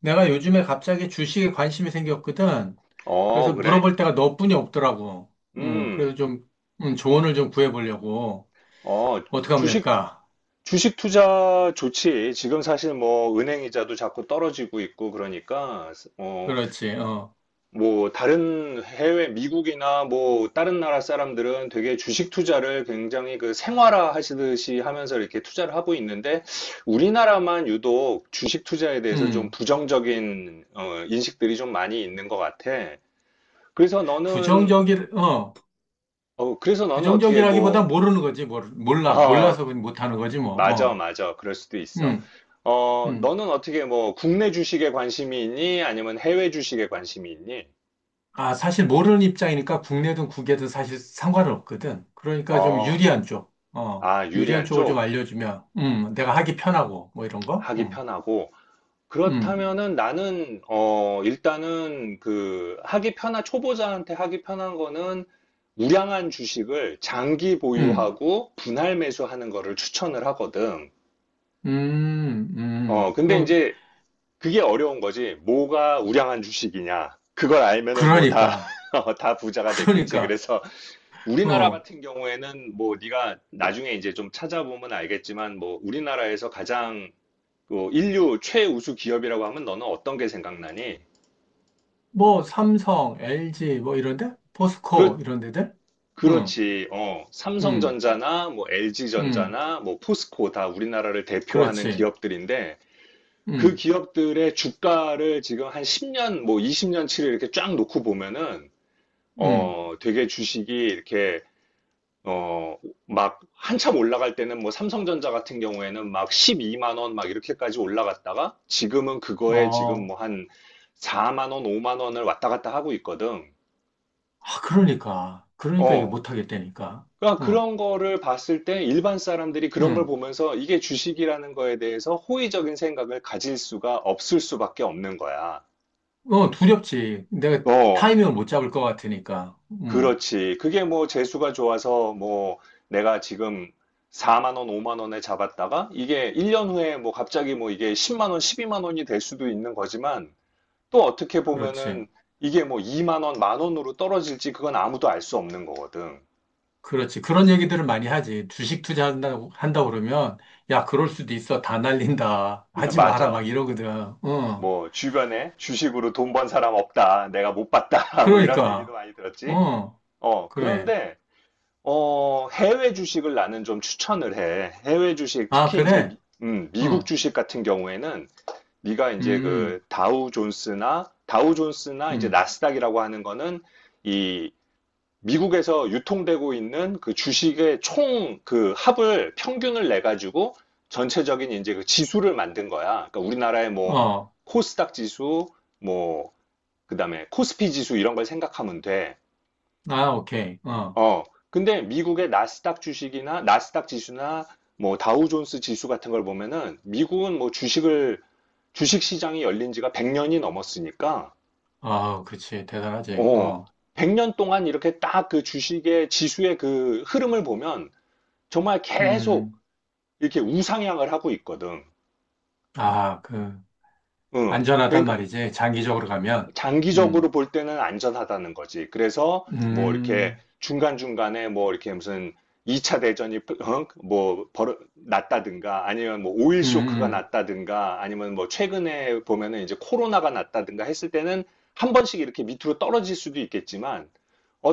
내가 요즘에 갑자기 주식에 관심이 생겼거든. 어, 그래서 그래? 물어볼 때가 너뿐이 없더라고. 음, 그래서 좀, 조언을 좀 구해보려고. 어, 어떻게 하면 주식, 될까? 주식 투자 좋지. 지금 사실 뭐 은행 이자도 자꾸 떨어지고 있고 그러니까, 어, 그렇지, 어. 뭐 다른 해외, 미국이나 뭐 다른 나라 사람들은 되게 주식 투자를 굉장히 그 생활화 하시듯이 하면서 이렇게 투자를 하고 있는데, 우리나라만 유독 주식 투자에 대해서 좀 음, 부정적인, 인식들이 좀 많이 있는 것 같아. 그래서 너는, 부정적이, 어, 그래서 너는 어떻게 부정적이라기보다 뭐, 모르는 거지. 몰라. 아, 몰라서 그냥 못하는 거지, 뭐. 맞아, 어, 맞아. 그럴 수도 있어. 음, 어, 음. 너는 어떻게 뭐 국내 주식에 관심이 있니? 아니면 해외 주식에 관심이 있니? 아, 사실 모르는 입장이니까 국내든 국외든 사실 상관은 없거든. 그러니까 좀 어, 유리한 아, 유리한 유리한 쪽을 좀 쪽 알려주면, 내가 하기 편하고, 뭐 이런 거? 하기 편하고. 음, 그렇다면은 나는, 일단은 그 하기 편한, 초보자한테 하기 편한 거는 우량한 주식을 장기 음. 보유하고 분할 매수하는 거를 추천을 하거든. 어, 근데 그럼, 이제 그게 어려운 거지. 뭐가 우량한 주식이냐. 그걸 알면은 뭐 다, 그러니까, 다 부자가 됐겠지. 그러니까, 그래서 우리나라 어, 같은 경우에는 뭐 네가 나중에 이제 좀 찾아보면 알겠지만 뭐 우리나라에서 가장 뭐 인류 최우수 기업이라고 하면 너는 어떤 게 생각나니? 뭐, 삼성, LG, 뭐, 이런데? 그렇, 포스코, 이런 데들? 응, 그렇지. 어, 응, 삼성전자나 뭐 응, LG전자나 뭐 포스코 다 우리나라를 대표하는 그렇지. 기업들인데 그 응, 기업들의 주가를 지금 한 10년, 뭐 20년치를 이렇게 쫙 놓고 보면은 응, 되게 주식이 이렇게, 어, 막 한참 올라갈 때는 뭐 삼성전자 같은 경우에는 막 12만 원 막 이렇게까지 올라갔다가 지금은 그거에 지금 뭐 어, 한 4만 원, 5만 원을 왔다 갔다 하고 있거든. 아, 그러니까. 그러니까 이게 어. 못하겠다니까. 그러니까 어, 그런 거를 봤을 때 일반 사람들이 그런 걸 응, 보면서 이게 주식이라는 거에 대해서 호의적인 생각을 가질 수가 없을 수밖에 없는 거야. 어, 두렵지. 내가 어. 타이밍을 못 잡을 것 같으니까. 응, 그렇지. 그게 뭐 재수가 좋아서 뭐 내가 지금 4만 원, 5만 원에 잡았다가 이게 1년 후에 뭐 갑자기 뭐 이게 10만 원, 12만 원이 될 수도 있는 거지만 또 어떻게 그렇지. 보면은 이게 뭐 2만 원, 만 원으로 떨어질지 그건 아무도 알 수 없는 거거든. 그렇지. 그런 얘기들을 많이 하지. 주식 투자한다고, 한다 그러면, 야, 그럴 수도 있어. 다 날린다. 하지 마라. 맞아. 막 이러거든. 응. 뭐 주변에 주식으로 돈 번 사람 없다. 내가 못 봤다. 뭐 이런 얘기도 그러니까. 많이 들었지. 응. 어, 그래. 그런데 해외 주식을 나는 좀 추천을 해. 해외 주식, 아, 특히 이제 그래? 미국 응. 주식 같은 경우에는 네가 이제 음, 그 다우 존스나 이제 음. 나스닥이라고 하는 거는 이 미국에서 유통되고 있는 그 주식의 총 그 합을 평균을 내 가지고 전체적인 이제 그 지수를 만든 거야. 그러니까 우리나라의 뭐 어. 코스닥 지수, 뭐 그다음에 코스피 지수 이런 걸 생각하면 돼. 아, 오케이. 어. 어, 근데 미국의 나스닥 주식이나 나스닥 지수나 뭐 다우존스 지수 같은 걸 보면은 미국은 뭐 주식 시장이 열린 지가 100년이 넘었으니까 아, 그렇지. 대단하지. 어, 어. 100년 동안 이렇게 딱 그 주식의 지수의 그 흐름을 보면 정말 계속 음. 이렇게 우상향을 하고 있거든. 아, 그, 응. 안전하단 그러니까 말이지. 장기적으로 가면. 장기적으로 음. 볼 때는 안전하다는 거지. 그래서 뭐 이렇게 음. 중간중간에 뭐 이렇게 무슨 2차 대전이 뭐 났다든가 아니면 뭐 오일 쇼크가 음. 났다든가 아니면 뭐 최근에 보면은 이제 코로나가 났다든가 했을 때는 한 번씩 이렇게 밑으로 떨어질 수도 있겠지만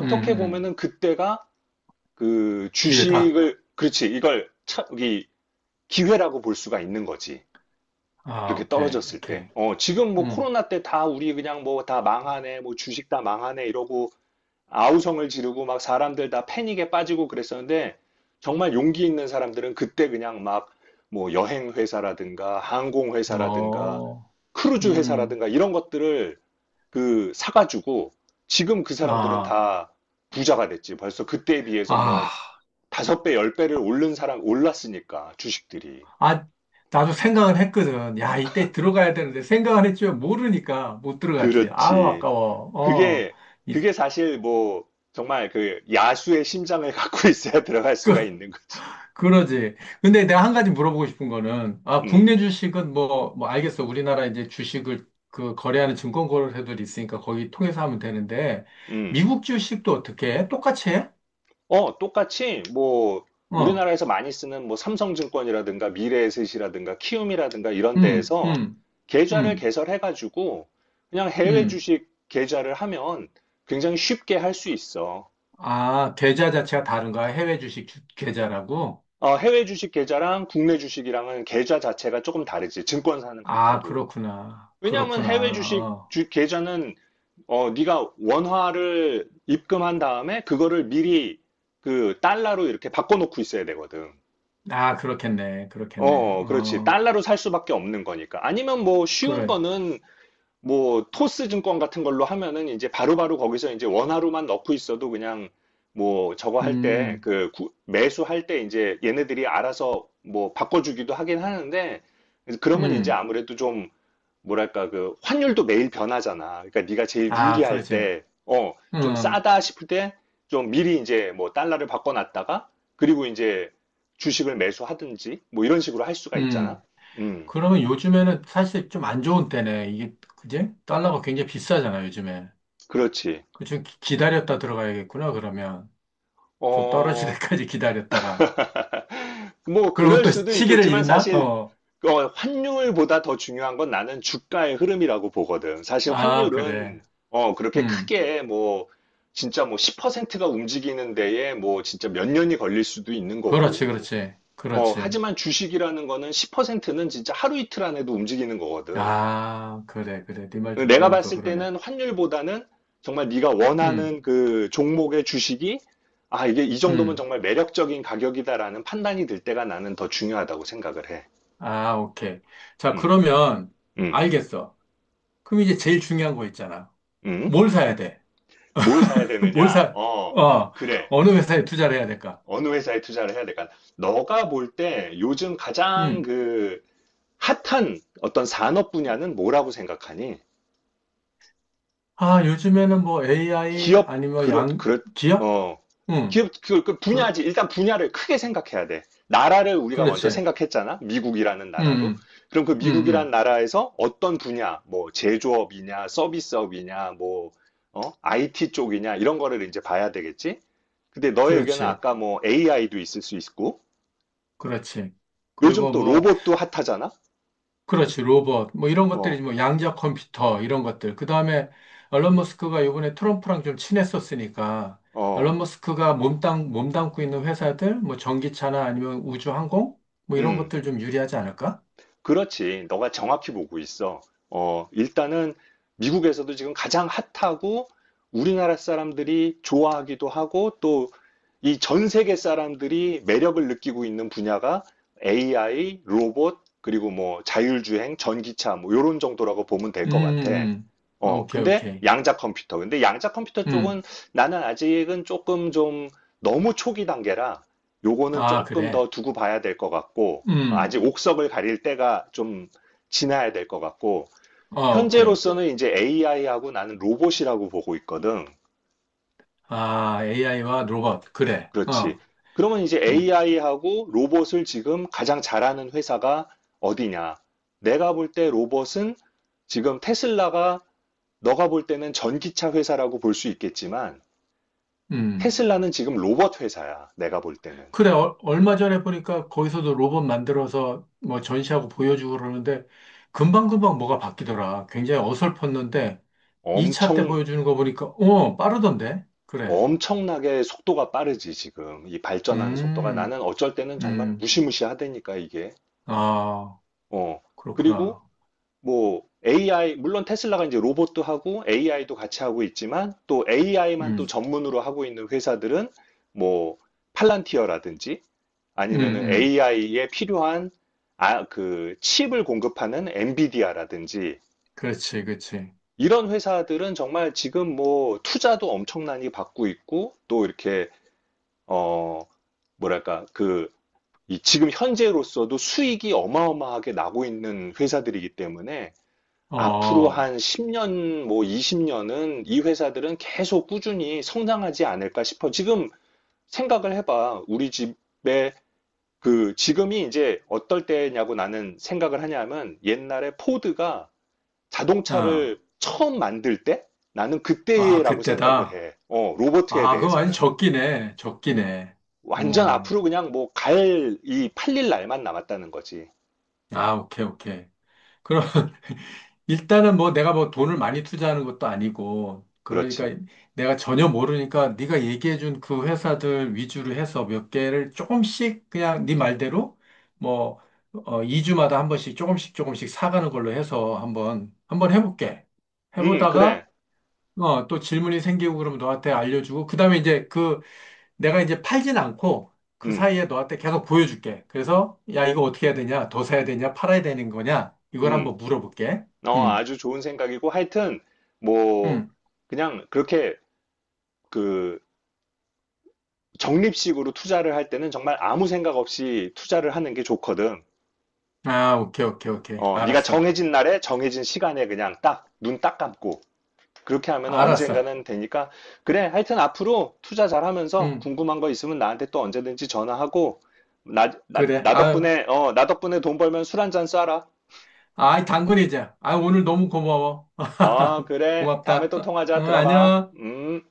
음. 음. 음. 보면은 그때가 그 기회다. 주식을 그렇지 이걸 이 기회라고 볼 수가 있는 거지. 아, 그렇게 오케이. 떨어졌을 때. 오케이. 어, 지금 뭐 응. 코로나 때 다 우리 그냥 뭐 다 망하네, 뭐 주식 다 망하네 이러고 아우성을 지르고 막 사람들 다 패닉에 빠지고 그랬었는데 정말 용기 있는 사람들은 그때 그냥 막 뭐 여행 회사라든가 항공 회사라든가 어. 크루즈 음, 회사라든가 이런 것들을 그 사가지고 지금 그 사람들은 아, 다 부자가 됐지. 벌써 그때에 비해서 아, 뭐 다섯 배, 열 배를 오른 사람 올랐으니까 주식들이. 아, 나도 생각은 했거든. 야, 이때 들어가야 되는데 생각은 했지만 모르니까 못 들어갔지. 아우, 그렇지. 아까워. 어, 그게 이- 그게 사실 뭐 정말 그 야수의 심장을 갖고 있어야 들어갈 수가 있는 거지. 그러지. 근데 내가 한 가지 물어보고 싶은 거는, 아, 음, 국내 주식은 뭐, 뭐 알겠어. 우리나라 이제 주식을 그 거래하는 증권 거래소들이 있으니까 거기 통해서 하면 되는데, 음. 미국 주식도 어떻게 해? 똑같이 해? 어, 똑같이 뭐 어, 우리나라에서 많이 쓰는 뭐 삼성증권이라든가 미래에셋이라든가 키움이라든가 이런 음, 데에서 음, 계좌를 음, 개설해가지고 그냥 해외 음. 주식 계좌를 하면 굉장히 쉽게 할 수 있어. 아, 계좌 자체가 다른가? 해외 주식 계좌라고? 어, 해외 주식 계좌랑 국내 주식이랑은 계좌 자체가 조금 다르지. 증권사는 아, 같아도. 그렇구나. 왜냐하면 그렇구나. 해외 주식 어. 계좌는 네가 원화를 입금한 다음에 그거를 미리 그 달러로 이렇게 바꿔놓고 있어야 되거든. 아, 그렇겠네. 그렇겠네. 어, 어, 그렇지. 어, 달러로 살 수밖에 없는 거니까. 아니면 뭐 쉬운 그래. 거는 뭐 토스 증권 같은 걸로 하면은 이제 바로바로 거기서 이제 원화로만 넣고 있어도 그냥 뭐 저거 할 때 음, 그 매수할 때 이제 얘네들이 알아서 뭐 바꿔주기도 하긴 하는데 그러면 이제 음. 아무래도 좀 뭐랄까 그 환율도 매일 변하잖아. 그러니까 네가 제일 아, 유리할 그렇지. 때, 좀 음, 싸다 싶을 때 좀 미리 이제 뭐 달러를 바꿔놨다가 그리고 이제 주식을 매수하든지 뭐 이런 식으로 할 수가 있잖아. 음. 음, 그러면 요즘에는 사실 좀 안 좋은 때네. 이게, 그지? 달러가 굉장히 비싸잖아, 요즘에. 그렇지. 그좀 기다렸다 들어가야겠구나, 그러면. 좀 떨어질 어, 때까지 기다렸다가. 뭐 그러면 그럴 또 수도 시기를 있겠지만 잃나? 사실 어. 환율보다 더 중요한 건 나는 주가의 흐름이라고 보거든. 사실 아, 그래. 환율은 그렇게 음. 크게 뭐 진짜 뭐 10%가 움직이는 데에 뭐 진짜 몇 년이 걸릴 수도 있는 그렇지, 거고. 그렇지. 어, 그렇지. 하지만 주식이라는 거는 10%는 진짜 하루 이틀 안에도 움직이는 거거든. 아, 그래, 그래. 네 말 듣고 내가 보니까 봤을 그러네. 때는 환율보다는 정말 네가 음. 원하는 그 종목의 주식이 아, 이게 이 정도면 음. 정말 매력적인 가격이다라는 판단이 들 때가 나는 더 중요하다고 생각을 해. 아, 오케이. 자, 음, 그러면 음, 알겠어. 그럼 이제 제일 중요한 거 있잖아. 음. 뭘 사야 돼? 뭘 사야 뭘 되느냐? 사? 어, 어, 그래. 어느 회사에 투자를 해야 될까? 어느 회사에 투자를 해야 될까? 너가 볼 때 요즘 가장 음. 그 핫한 어떤 산업 분야는 뭐라고 생각하니? 아, 요즘에는 뭐 AI 기업 아니면 뭐 그렇 양 그렇 기업? 어 응. 기업 그, 그 그, 분야지 일단 분야를 크게 생각해야 돼. 나라를 우리가 먼저 그렇지. 응, 생각했잖아. 미국이라는 나라로. 응, 그럼 그 응, 응. 미국이라는 나라에서 어떤 분야, 뭐 제조업이냐, 서비스업이냐, 뭐 IT 쪽이냐 이런 거를 이제 봐야 되겠지. 근데 너의 의견은 그렇지. 아까 뭐 AI도 있을 수 있고 그렇지. 요즘 그리고 또 뭐 로봇도 핫하잖아. 그렇지, 로봇. 뭐 이런 것들이 어, 뭐 양자 컴퓨터 이런 것들. 그다음에 앨런 머스크가 이번에 트럼프랑 좀 친했었으니까 어, 앨런 머스크가 몸담고 있는 회사들 뭐 전기차나 아니면 우주항공 뭐 이런 음. 것들 좀 유리하지 않을까? 그렇지. 너가 정확히 보고 있어. 어, 일단은 미국에서도 지금 가장 핫하고 우리나라 사람들이 좋아하기도 하고 또 이 전 세계 사람들이 매력을 느끼고 있는 분야가 AI, 로봇, 그리고 뭐 자율주행, 전기차 뭐 요런 정도라고 보면 될 음, 것 음, 같아. 음. 아, 어, 오케이, 오케이. 근데 양자 컴퓨터 음. 쪽은 나는 아직은 조금 좀 너무 초기 단계라 요거는 아, 조금 그래. 더 두고 봐야 될 것 같고 음. 아직 옥석을 가릴 때가 좀 지나야 될 것 같고, 어, 오케이. 현재로서는 이제 AI하고 나는 로봇이라고 보고 있거든. 아, AI와 로봇. 그래. 그렇지. 어. 그러면 이제 음. AI하고 로봇을 지금 가장 잘하는 회사가 어디냐? 내가 볼 때 로봇은 지금 테슬라가 너가 볼 때는 전기차 회사라고 볼 수 있겠지만, 음. 테슬라는 지금 로봇 회사야. 내가 볼 때는. 그래, 얼마 전에 보니까 거기서도 로봇 만들어서 뭐 전시하고 보여주고 그러는데 금방금방 뭐가 바뀌더라. 굉장히 어설펐는데 2차 때 엄청 보여주는 거 보니까, 어, 빠르던데? 그래. 엄청나게 속도가 빠르지, 지금. 이 발전하는 속도가. 음, 나는 어쩔 때는 정말 음, 무시무시하다니까, 이게. 아, 어. 그리고 그렇구나. 뭐 AI, 물론 테슬라가 이제 로봇도 하고 AI도 같이 하고 있지만 또 AI만 또 음, 전문으로 하고 있는 회사들은 뭐 팔란티어라든지 음, 아니면은 음. AI에 필요한 아, 그 칩을 공급하는 엔비디아라든지 그렇지, 그렇지. 이런 회사들은 정말 지금 뭐 투자도 엄청나게 받고 있고 또 이렇게 어, 뭐랄까, 그, 이 지금 현재로서도 수익이 어마어마하게 나고 있는 회사들이기 때문에 앞으로 어, 한 10년, 뭐 20년은 이 회사들은 계속 꾸준히 성장하지 않을까 싶어. 지금 생각을 해봐. 우리 집에 그, 지금이 이제 어떨 때냐고 나는 생각을 하냐면 옛날에 포드가 아, 자동차를 처음 만들 때 나는 아, 그때라고 생각을 그때다. 해. 어, 로버트에 아, 그거 완전 대해서는. 적기네. 적기네. 완전 어, 앞으로 그냥 뭐 이 팔릴 날만 남았다는 거지. 아, 오케이, 오케이. 그럼, 일단은 뭐 내가 뭐 돈을 많이 투자하는 것도 아니고 그러니까 그렇지. 내가 전혀 모르니까 네가 얘기해준 그 회사들 위주로 해서 몇 개를 조금씩 그냥 네 말대로 뭐 어, 2주마다 한 번씩 조금씩 조금씩 사가는 걸로 해서 한번 한번 해볼게. 해보다가 그래. 어, 또 질문이 생기고 그러면 너한테 알려주고 그다음에 이제 그 내가 이제 팔진 않고 그 음, 사이에 너한테 계속 보여줄게. 그래서 야 이거 어떻게 해야 되냐? 더 사야 되냐? 팔아야 되는 거냐? 이걸 음. 한번 물어볼게. 어, 음. 아주 좋은 생각이고 하여튼 뭐 음. 그냥 그렇게 그 적립식으로 투자를 할 때는 정말 아무 생각 없이 투자를 하는 게 좋거든. 아, 오케이, 오케이, 오케이. 어, 네가 알았어. 정해진 날에 정해진 시간에 그냥 딱 눈 딱 감고 그렇게 하면 알았어. 언젠가는 되니까 그래 하여튼 앞으로 투자 잘하면서 응, 궁금한 거 있으면 나한테 또 언제든지 전화하고 나, 나, 그래. 나 아유, 덕분에 어, 나 덕분에 돈 벌면 술 한잔 쏴라. 아이, 당근이자. 아, 오늘 너무 고마워. 어, 그래. 다음에 고맙다. 또 통하자. 응, 들어가. 안녕. 음.